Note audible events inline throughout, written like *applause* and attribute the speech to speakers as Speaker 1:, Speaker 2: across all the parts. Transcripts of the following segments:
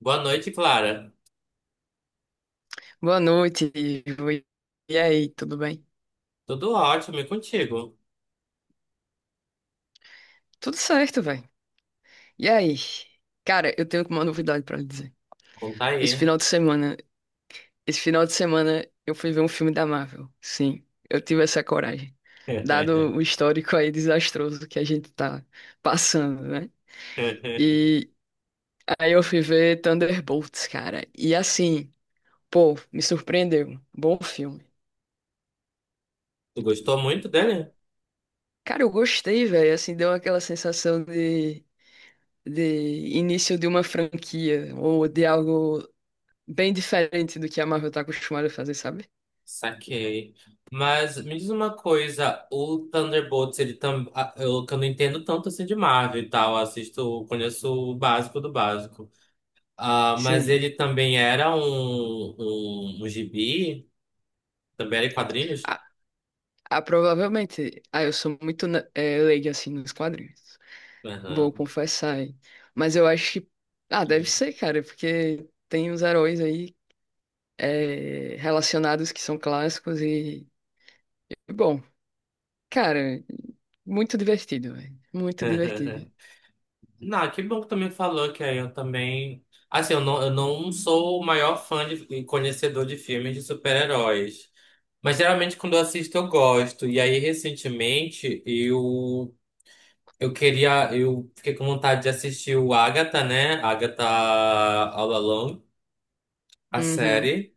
Speaker 1: Boa noite, Clara.
Speaker 2: Boa noite, Ivo. E aí, tudo bem?
Speaker 1: Tudo ótimo, e contigo?
Speaker 2: Tudo certo, velho. E aí? Cara, eu tenho uma novidade pra lhe dizer.
Speaker 1: Conta
Speaker 2: Esse
Speaker 1: aí.
Speaker 2: final de semana, esse final de semana eu fui ver um filme da Marvel. Sim, eu tive essa coragem. Dado o histórico aí desastroso que a gente tá passando, né?
Speaker 1: *laughs*
Speaker 2: E aí eu fui ver Thunderbolts, cara. E assim, pô, me surpreendeu. Bom filme.
Speaker 1: Tu gostou muito dele?
Speaker 2: Cara, eu gostei, velho. Assim, deu aquela sensação de início de uma franquia ou de algo bem diferente do que a Marvel tá acostumada a fazer, sabe?
Speaker 1: Saquei. Mas me diz uma coisa, o Thunderbolts, ele tam... ah, eu, que eu não entendo tanto assim de Marvel e tal, assisto, conheço o básico do básico. Ah, mas
Speaker 2: Sim.
Speaker 1: ele também era um, um gibi? Também era em quadrinhos?
Speaker 2: Ah, ah, provavelmente. Ah, eu sou muito leiga assim nos quadrinhos. Vou
Speaker 1: Aham.
Speaker 2: confessar, hein? Mas eu acho que. Ah, deve ser, cara, porque tem uns heróis aí relacionados que são clássicos e. Bom, cara, muito divertido, velho. Muito divertido.
Speaker 1: *laughs* Não, que bom que também falou que aí eu também. Assim, eu não sou o maior fã de, e conhecedor de filmes de super-heróis. Mas geralmente quando eu assisto eu gosto. E aí, recentemente, eu queria. Eu fiquei com vontade de assistir o Agatha, né? Agatha All Along, a
Speaker 2: Uhum.
Speaker 1: série.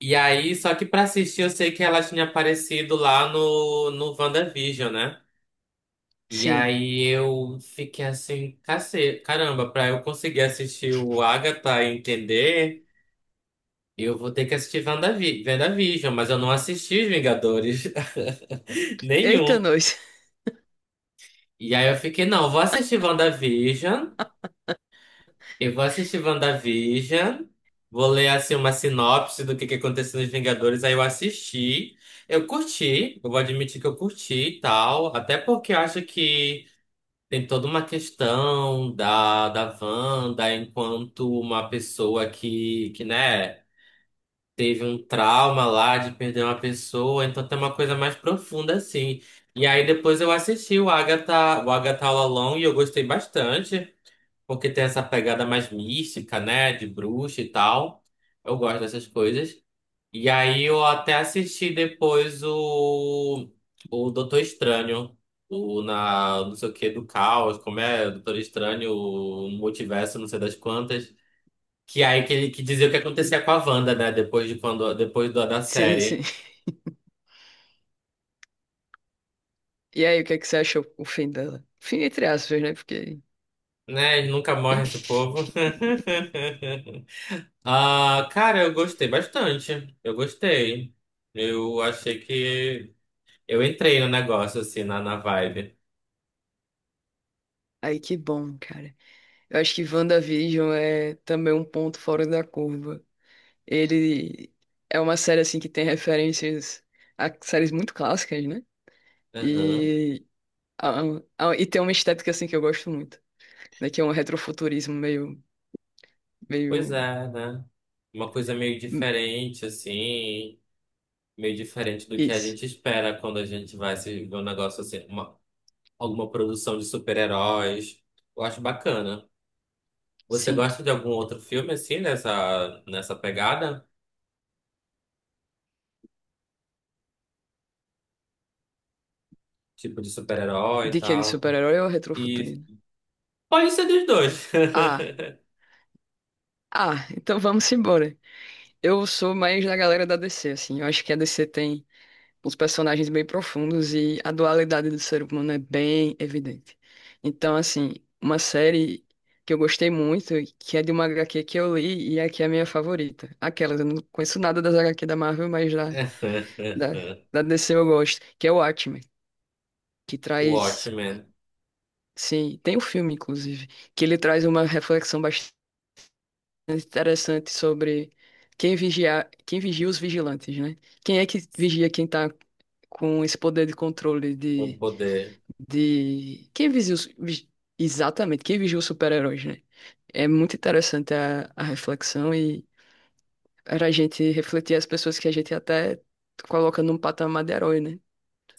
Speaker 1: E aí, só que pra assistir eu sei que ela tinha aparecido lá no WandaVision, né? E
Speaker 2: Sim.
Speaker 1: aí eu fiquei assim, cacete, caramba, pra eu conseguir assistir o Agatha e entender, eu vou ter que assistir WandaVision, mas eu não assisti os Vingadores, *laughs*
Speaker 2: Eita,
Speaker 1: nenhum.
Speaker 2: nós.
Speaker 1: E aí eu fiquei, não, eu vou assistir WandaVision, eu vou assistir WandaVision, vou ler assim uma sinopse do que aconteceu nos Vingadores, aí eu assisti, eu curti, eu vou admitir que eu curti e tal, até porque eu acho que tem toda uma questão da Wanda enquanto uma pessoa que, né, teve um trauma lá de perder uma pessoa, então tem uma coisa mais profunda assim. E aí depois eu assisti o Agatha All Along e eu gostei bastante, porque tem essa pegada mais mística, né, de bruxa e tal. Eu gosto dessas coisas. E aí eu até assisti depois o Doutor Estranho, o na, não sei o que, do caos, como é, Doutor Estranho, o multiverso, não sei das quantas, que aí que ele que dizia o que acontecia com a Wanda, né, depois de quando, depois da
Speaker 2: *laughs* Sim, sim.
Speaker 1: série.
Speaker 2: E aí, o que é que você acha o fim dela? Fim entre aspas, né? Porque.
Speaker 1: Né, nunca morre esse
Speaker 2: Ixi,
Speaker 1: povo. *laughs* Ah, cara, eu gostei bastante. Eu gostei. Eu achei que eu entrei no negócio, assim, na vibe.
Speaker 2: aí que bom, cara. Eu acho que WandaVision é também um ponto fora da curva. Ele é uma série assim que tem referências a séries muito clássicas, né?
Speaker 1: Aham.
Speaker 2: E, a- e tem uma estética assim que eu gosto muito, né? Que é um retrofuturismo meio,
Speaker 1: Pois
Speaker 2: meio
Speaker 1: é, né? Uma coisa meio
Speaker 2: hum,
Speaker 1: diferente, assim, meio diferente do que a
Speaker 2: isso.
Speaker 1: gente espera quando a gente vai se ver um negócio assim, uma, alguma produção de super-heróis. Eu acho bacana. Você
Speaker 2: Sim.
Speaker 1: gosta de algum outro filme, assim, nessa pegada? Tipo de super-herói e
Speaker 2: De que de
Speaker 1: tal?
Speaker 2: super-herói ou
Speaker 1: E
Speaker 2: retrofuturismo?
Speaker 1: pode ser dos dois.
Speaker 2: Ah, ah, então vamos embora. Eu sou mais da galera da DC, assim. Eu acho que a DC tem uns personagens bem profundos e a dualidade do ser humano é bem evidente. Então, assim, uma série que eu gostei muito, que é de uma HQ que eu li e é que é a minha favorita. Aquela, eu não conheço nada das HQ da Marvel, mas da,
Speaker 1: *laughs*
Speaker 2: da DC eu gosto, que é o Watchmen, que
Speaker 1: O
Speaker 2: traz.
Speaker 1: Watchmen,
Speaker 2: Sim, tem um filme, inclusive, que ele traz uma reflexão interessante sobre quem vigia os vigilantes, né? Quem é que vigia quem tá com esse poder de controle
Speaker 1: o poder,
Speaker 2: Quem vigia os. Exatamente, quem vigia os super-heróis, né? É muito interessante a reflexão e era a gente refletir as pessoas que a gente até coloca num patamar de herói, né?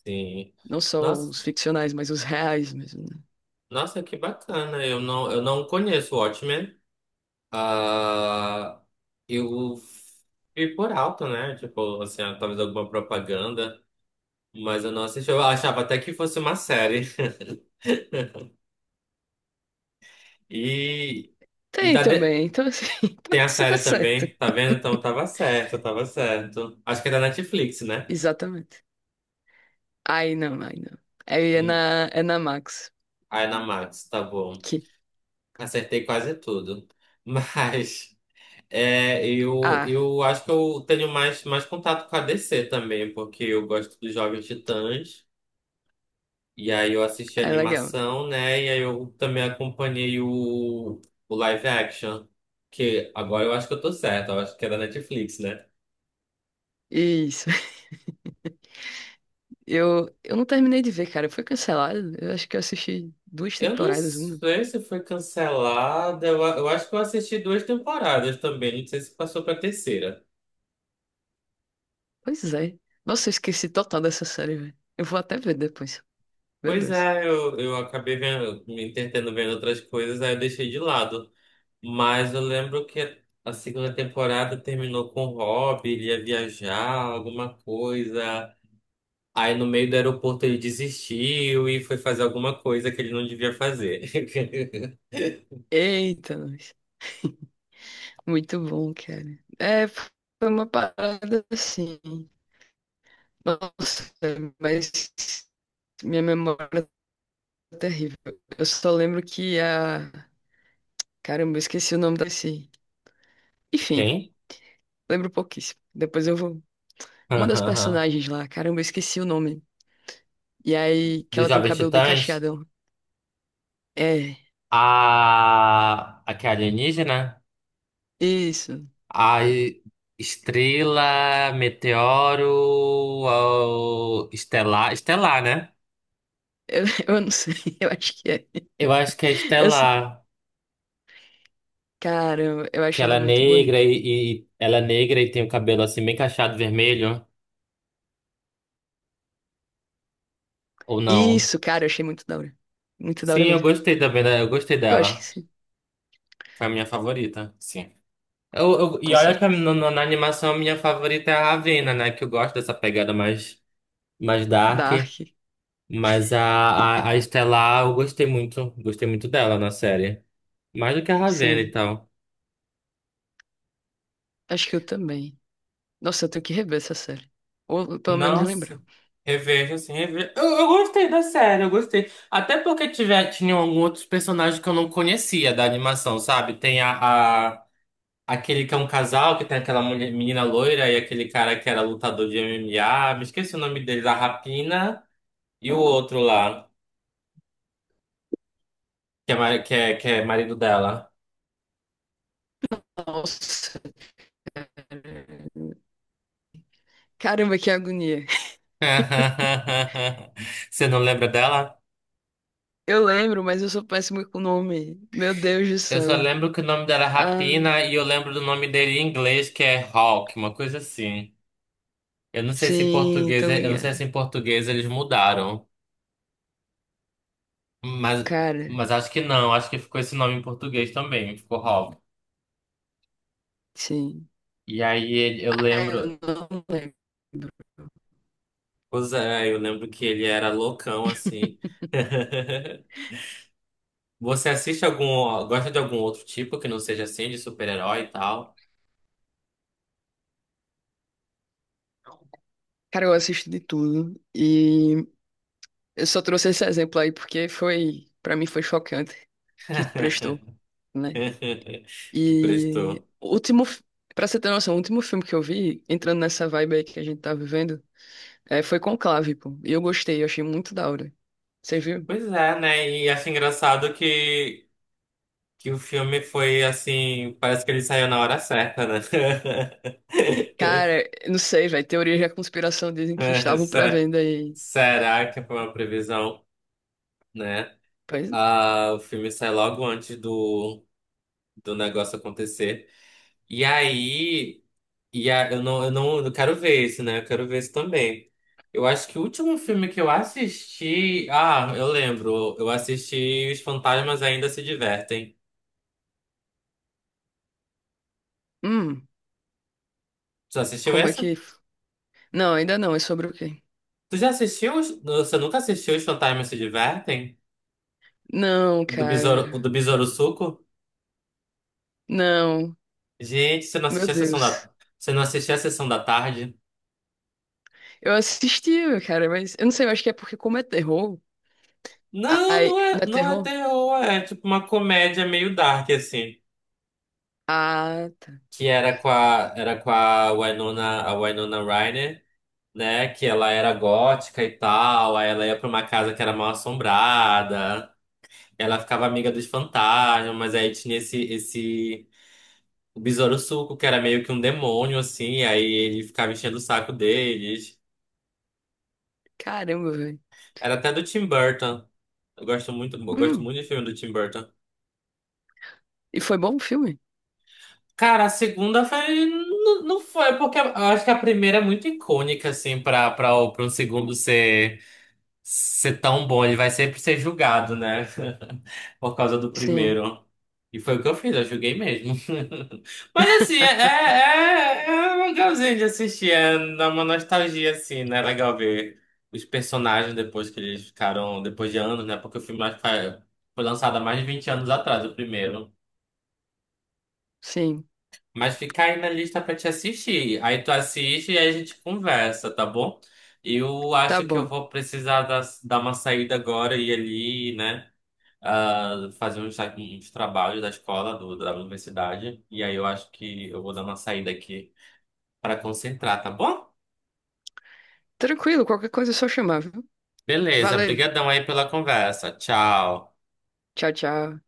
Speaker 1: sim.
Speaker 2: Não só
Speaker 1: Nossa,
Speaker 2: os ficcionais, mas os reais mesmo, né?
Speaker 1: nossa, que bacana. Eu não conheço o Watchmen. Ah, eu vi por alto, né? Tipo, assim, talvez alguma propaganda, mas eu não assisti. Eu achava até que fosse uma série. *laughs* E, e
Speaker 2: Tem
Speaker 1: tá de-
Speaker 2: também, então assim, *laughs*
Speaker 1: tem
Speaker 2: então
Speaker 1: a
Speaker 2: você tá
Speaker 1: série
Speaker 2: certo.
Speaker 1: também, tá vendo? Então tava certo, tava certo. Acho que é da Netflix, né?
Speaker 2: Exatamente. Aí não, aí não. Aí é
Speaker 1: Hum,
Speaker 2: é na Max.
Speaker 1: aí na Max, tá bom.
Speaker 2: Que...
Speaker 1: Acertei quase tudo. *laughs* Mas é,
Speaker 2: Ah,
Speaker 1: eu acho que eu tenho mais, mais contato com a DC também, porque eu gosto dos Jovens Titãs. E aí eu assisti a
Speaker 2: é legal.
Speaker 1: animação, né? E aí eu também acompanhei o live action. Que agora eu acho que eu tô certo, eu acho que é da Netflix, né?
Speaker 2: Isso. *laughs* Eu não terminei de ver, cara. Foi cancelado. Eu acho que eu assisti
Speaker 1: Eu não
Speaker 2: uma.
Speaker 1: sei se foi cancelada. Eu acho que eu assisti duas temporadas também. Não sei se passou pra terceira.
Speaker 2: Pois é. Nossa, eu esqueci total dessa série, velho. Eu vou até ver depois. Meu
Speaker 1: Pois
Speaker 2: Deus.
Speaker 1: é, eu acabei vendo, me entretendo vendo outras coisas, aí eu deixei de lado. Mas eu lembro que a segunda temporada terminou com o Rob, ele ia viajar, alguma coisa. Aí no meio do aeroporto ele desistiu e foi fazer alguma coisa que ele não devia fazer. *laughs*
Speaker 2: Eita, nós. Muito bom, cara. É, foi uma parada assim. Nossa, mas minha memória é terrível. Eu só lembro que a. Caramba, eu esqueci o nome da. Enfim,
Speaker 1: Quem?
Speaker 2: lembro pouquíssimo. Depois eu vou. Uma das
Speaker 1: *laughs*
Speaker 2: personagens lá, caramba, eu esqueci o nome. E aí, que
Speaker 1: Dos
Speaker 2: ela tem um
Speaker 1: Jovens
Speaker 2: cabelo bem
Speaker 1: Titãs?
Speaker 2: cacheadão. É,
Speaker 1: A. A que é alienígena?
Speaker 2: isso.
Speaker 1: A e- Estrela, Meteoro, Estelar. Estelar, né?
Speaker 2: Eu, *laughs* eu não sei, *laughs* eu acho que é.
Speaker 1: Eu acho que é
Speaker 2: Eu, sou-
Speaker 1: Estelar.
Speaker 2: caramba, eu
Speaker 1: Que
Speaker 2: acho
Speaker 1: ela
Speaker 2: ela
Speaker 1: é
Speaker 2: muito
Speaker 1: negra
Speaker 2: bonita.
Speaker 1: ela é negra e tem o cabelo assim bem cacheado vermelho. Ou não?
Speaker 2: Isso, cara, eu achei muito da hora. Muito da
Speaker 1: Sim,
Speaker 2: hora
Speaker 1: eu
Speaker 2: mesmo.
Speaker 1: gostei também, né? Eu gostei
Speaker 2: Eu acho que
Speaker 1: dela.
Speaker 2: sim,
Speaker 1: Foi a minha favorita. Sim. E
Speaker 2: com
Speaker 1: olha que
Speaker 2: certeza.
Speaker 1: na animação a minha favorita é a Ravena, né? Que eu gosto dessa pegada mais, mais dark.
Speaker 2: Dark.
Speaker 1: Mas a
Speaker 2: *laughs*
Speaker 1: Estelar eu gostei muito. Gostei muito dela na série. Mais do que a Ravena e
Speaker 2: Sim,
Speaker 1: tal.
Speaker 2: acho que eu também. Nossa, eu tenho que rever essa série. Ou pelo menos
Speaker 1: Nossa,
Speaker 2: lembrar.
Speaker 1: revejo assim, revejo. Eu gostei da série, eu gostei. Até porque tiver, tinham alguns outros personagens que eu não conhecia da animação, sabe? Tem aquele que é um casal, que tem aquela menina loira e aquele cara que era lutador de MMA. Me esqueci o nome dele, da Rapina. E o outro lá, que é, ma- que é marido dela.
Speaker 2: Nossa. Caramba, que agonia. *laughs*
Speaker 1: *laughs* Você não lembra dela?
Speaker 2: Eu lembro, mas eu sou péssimo com o nome. Meu Deus do
Speaker 1: Eu só
Speaker 2: céu.
Speaker 1: lembro que o nome dela é
Speaker 2: Ah.
Speaker 1: Rapina e eu lembro do nome dele em inglês, que é Hawk, uma coisa assim. Eu não sei se em
Speaker 2: Sim,
Speaker 1: português,
Speaker 2: tô
Speaker 1: é, eu não sei se
Speaker 2: ligado.
Speaker 1: em português eles mudaram, mas,
Speaker 2: Cara,
Speaker 1: mas acho que não, acho que ficou esse nome em português também, ficou Hawk.
Speaker 2: sim.
Speaker 1: Eu
Speaker 2: Ah, eu
Speaker 1: lembro,
Speaker 2: não lembro.
Speaker 1: pois é, eu lembro que ele era loucão assim. *laughs* Você assiste algum, gosta de algum outro tipo que não seja assim, de super-herói e tal?
Speaker 2: Cara, eu assisto de tudo e eu só trouxe esse exemplo aí porque foi, pra mim foi chocante que prestou,
Speaker 1: *laughs*
Speaker 2: né?
Speaker 1: Que prestou.
Speaker 2: E o pra você ter noção, o último filme que eu vi, entrando nessa vibe aí que a gente tá vivendo, é, foi Conclave, pô. E eu gostei, eu achei muito da hora. Você viu?
Speaker 1: Pois é, né? E acho engraçado que o filme foi assim, parece que ele saiu na hora certa, né? *laughs*
Speaker 2: Cara, eu não sei, velho, teorias da conspiração dizem que
Speaker 1: É,
Speaker 2: estavam prevendo aí.
Speaker 1: Será que foi uma previsão, né?
Speaker 2: Pois,
Speaker 1: Ah, o filme sai logo antes do, do negócio acontecer. E aí. E a, eu não, eu não, eu quero ver esse, né? Eu quero ver esse também. Eu acho que o último filme que eu assisti. Ah, eu lembro. Eu assisti Os Fantasmas Ainda Se Divertem.
Speaker 2: hum,
Speaker 1: Tu assistiu
Speaker 2: como é
Speaker 1: essa?
Speaker 2: que. Não, ainda não. É sobre o quê?
Speaker 1: Tu já assistiu? Você nunca assistiu Os Fantasmas Se Divertem?
Speaker 2: Não,
Speaker 1: O
Speaker 2: cara.
Speaker 1: do Besouro Suco?
Speaker 2: Não.
Speaker 1: Gente, você não
Speaker 2: Meu
Speaker 1: assistiu a sessão
Speaker 2: Deus.
Speaker 1: da. Você não assistiu a sessão da tarde?
Speaker 2: Eu assisti, cara, mas eu não sei, eu acho que é porque como é terror.
Speaker 1: Não,
Speaker 2: Ai, não é
Speaker 1: não é
Speaker 2: terror?
Speaker 1: terror, é tipo uma comédia meio dark, assim.
Speaker 2: Ah, tá.
Speaker 1: Que era com a Winona Ryder, né? Que ela era gótica e tal, aí ela ia pra uma casa que era mal assombrada, ela ficava amiga dos fantasmas, mas aí tinha esse o Besouro Suco, que era meio que um demônio, assim, aí ele ficava enchendo o saco deles.
Speaker 2: Caramba, velho.
Speaker 1: Era até do Tim Burton. Eu gosto
Speaker 2: Hum.
Speaker 1: muito de filme do Tim Burton.
Speaker 2: E foi bom o filme?
Speaker 1: Cara, a segunda foi. Não, não foi, porque eu acho que a primeira é muito icônica, assim, pra um segundo ser. Ser tão bom, ele vai sempre ser julgado, né? *laughs* Por causa do
Speaker 2: Sim,
Speaker 1: primeiro. E foi o que eu fiz, eu julguei mesmo. *laughs* Mas assim, é legalzinho de assistir, é dá uma nostalgia, assim, né? É legal ver os personagens depois que eles ficaram, depois de anos, né? Porque o filme acho que foi lançado há mais de 20 anos atrás, o primeiro.
Speaker 2: sim.
Speaker 1: Mas fica aí na lista pra te assistir. Aí tu assiste e aí a gente conversa, tá bom? Eu
Speaker 2: Tá
Speaker 1: acho que eu
Speaker 2: bom.
Speaker 1: vou precisar dar uma saída agora e ir ali, né? Ah, fazer uns, uns trabalhos da escola, do, da universidade. E aí eu acho que eu vou dar uma saída aqui pra concentrar, tá bom?
Speaker 2: Tranquilo, qualquer coisa é só chamar, viu?
Speaker 1: Beleza,
Speaker 2: Valeu.
Speaker 1: brigadão aí pela conversa. Tchau.
Speaker 2: Tchau, tchau.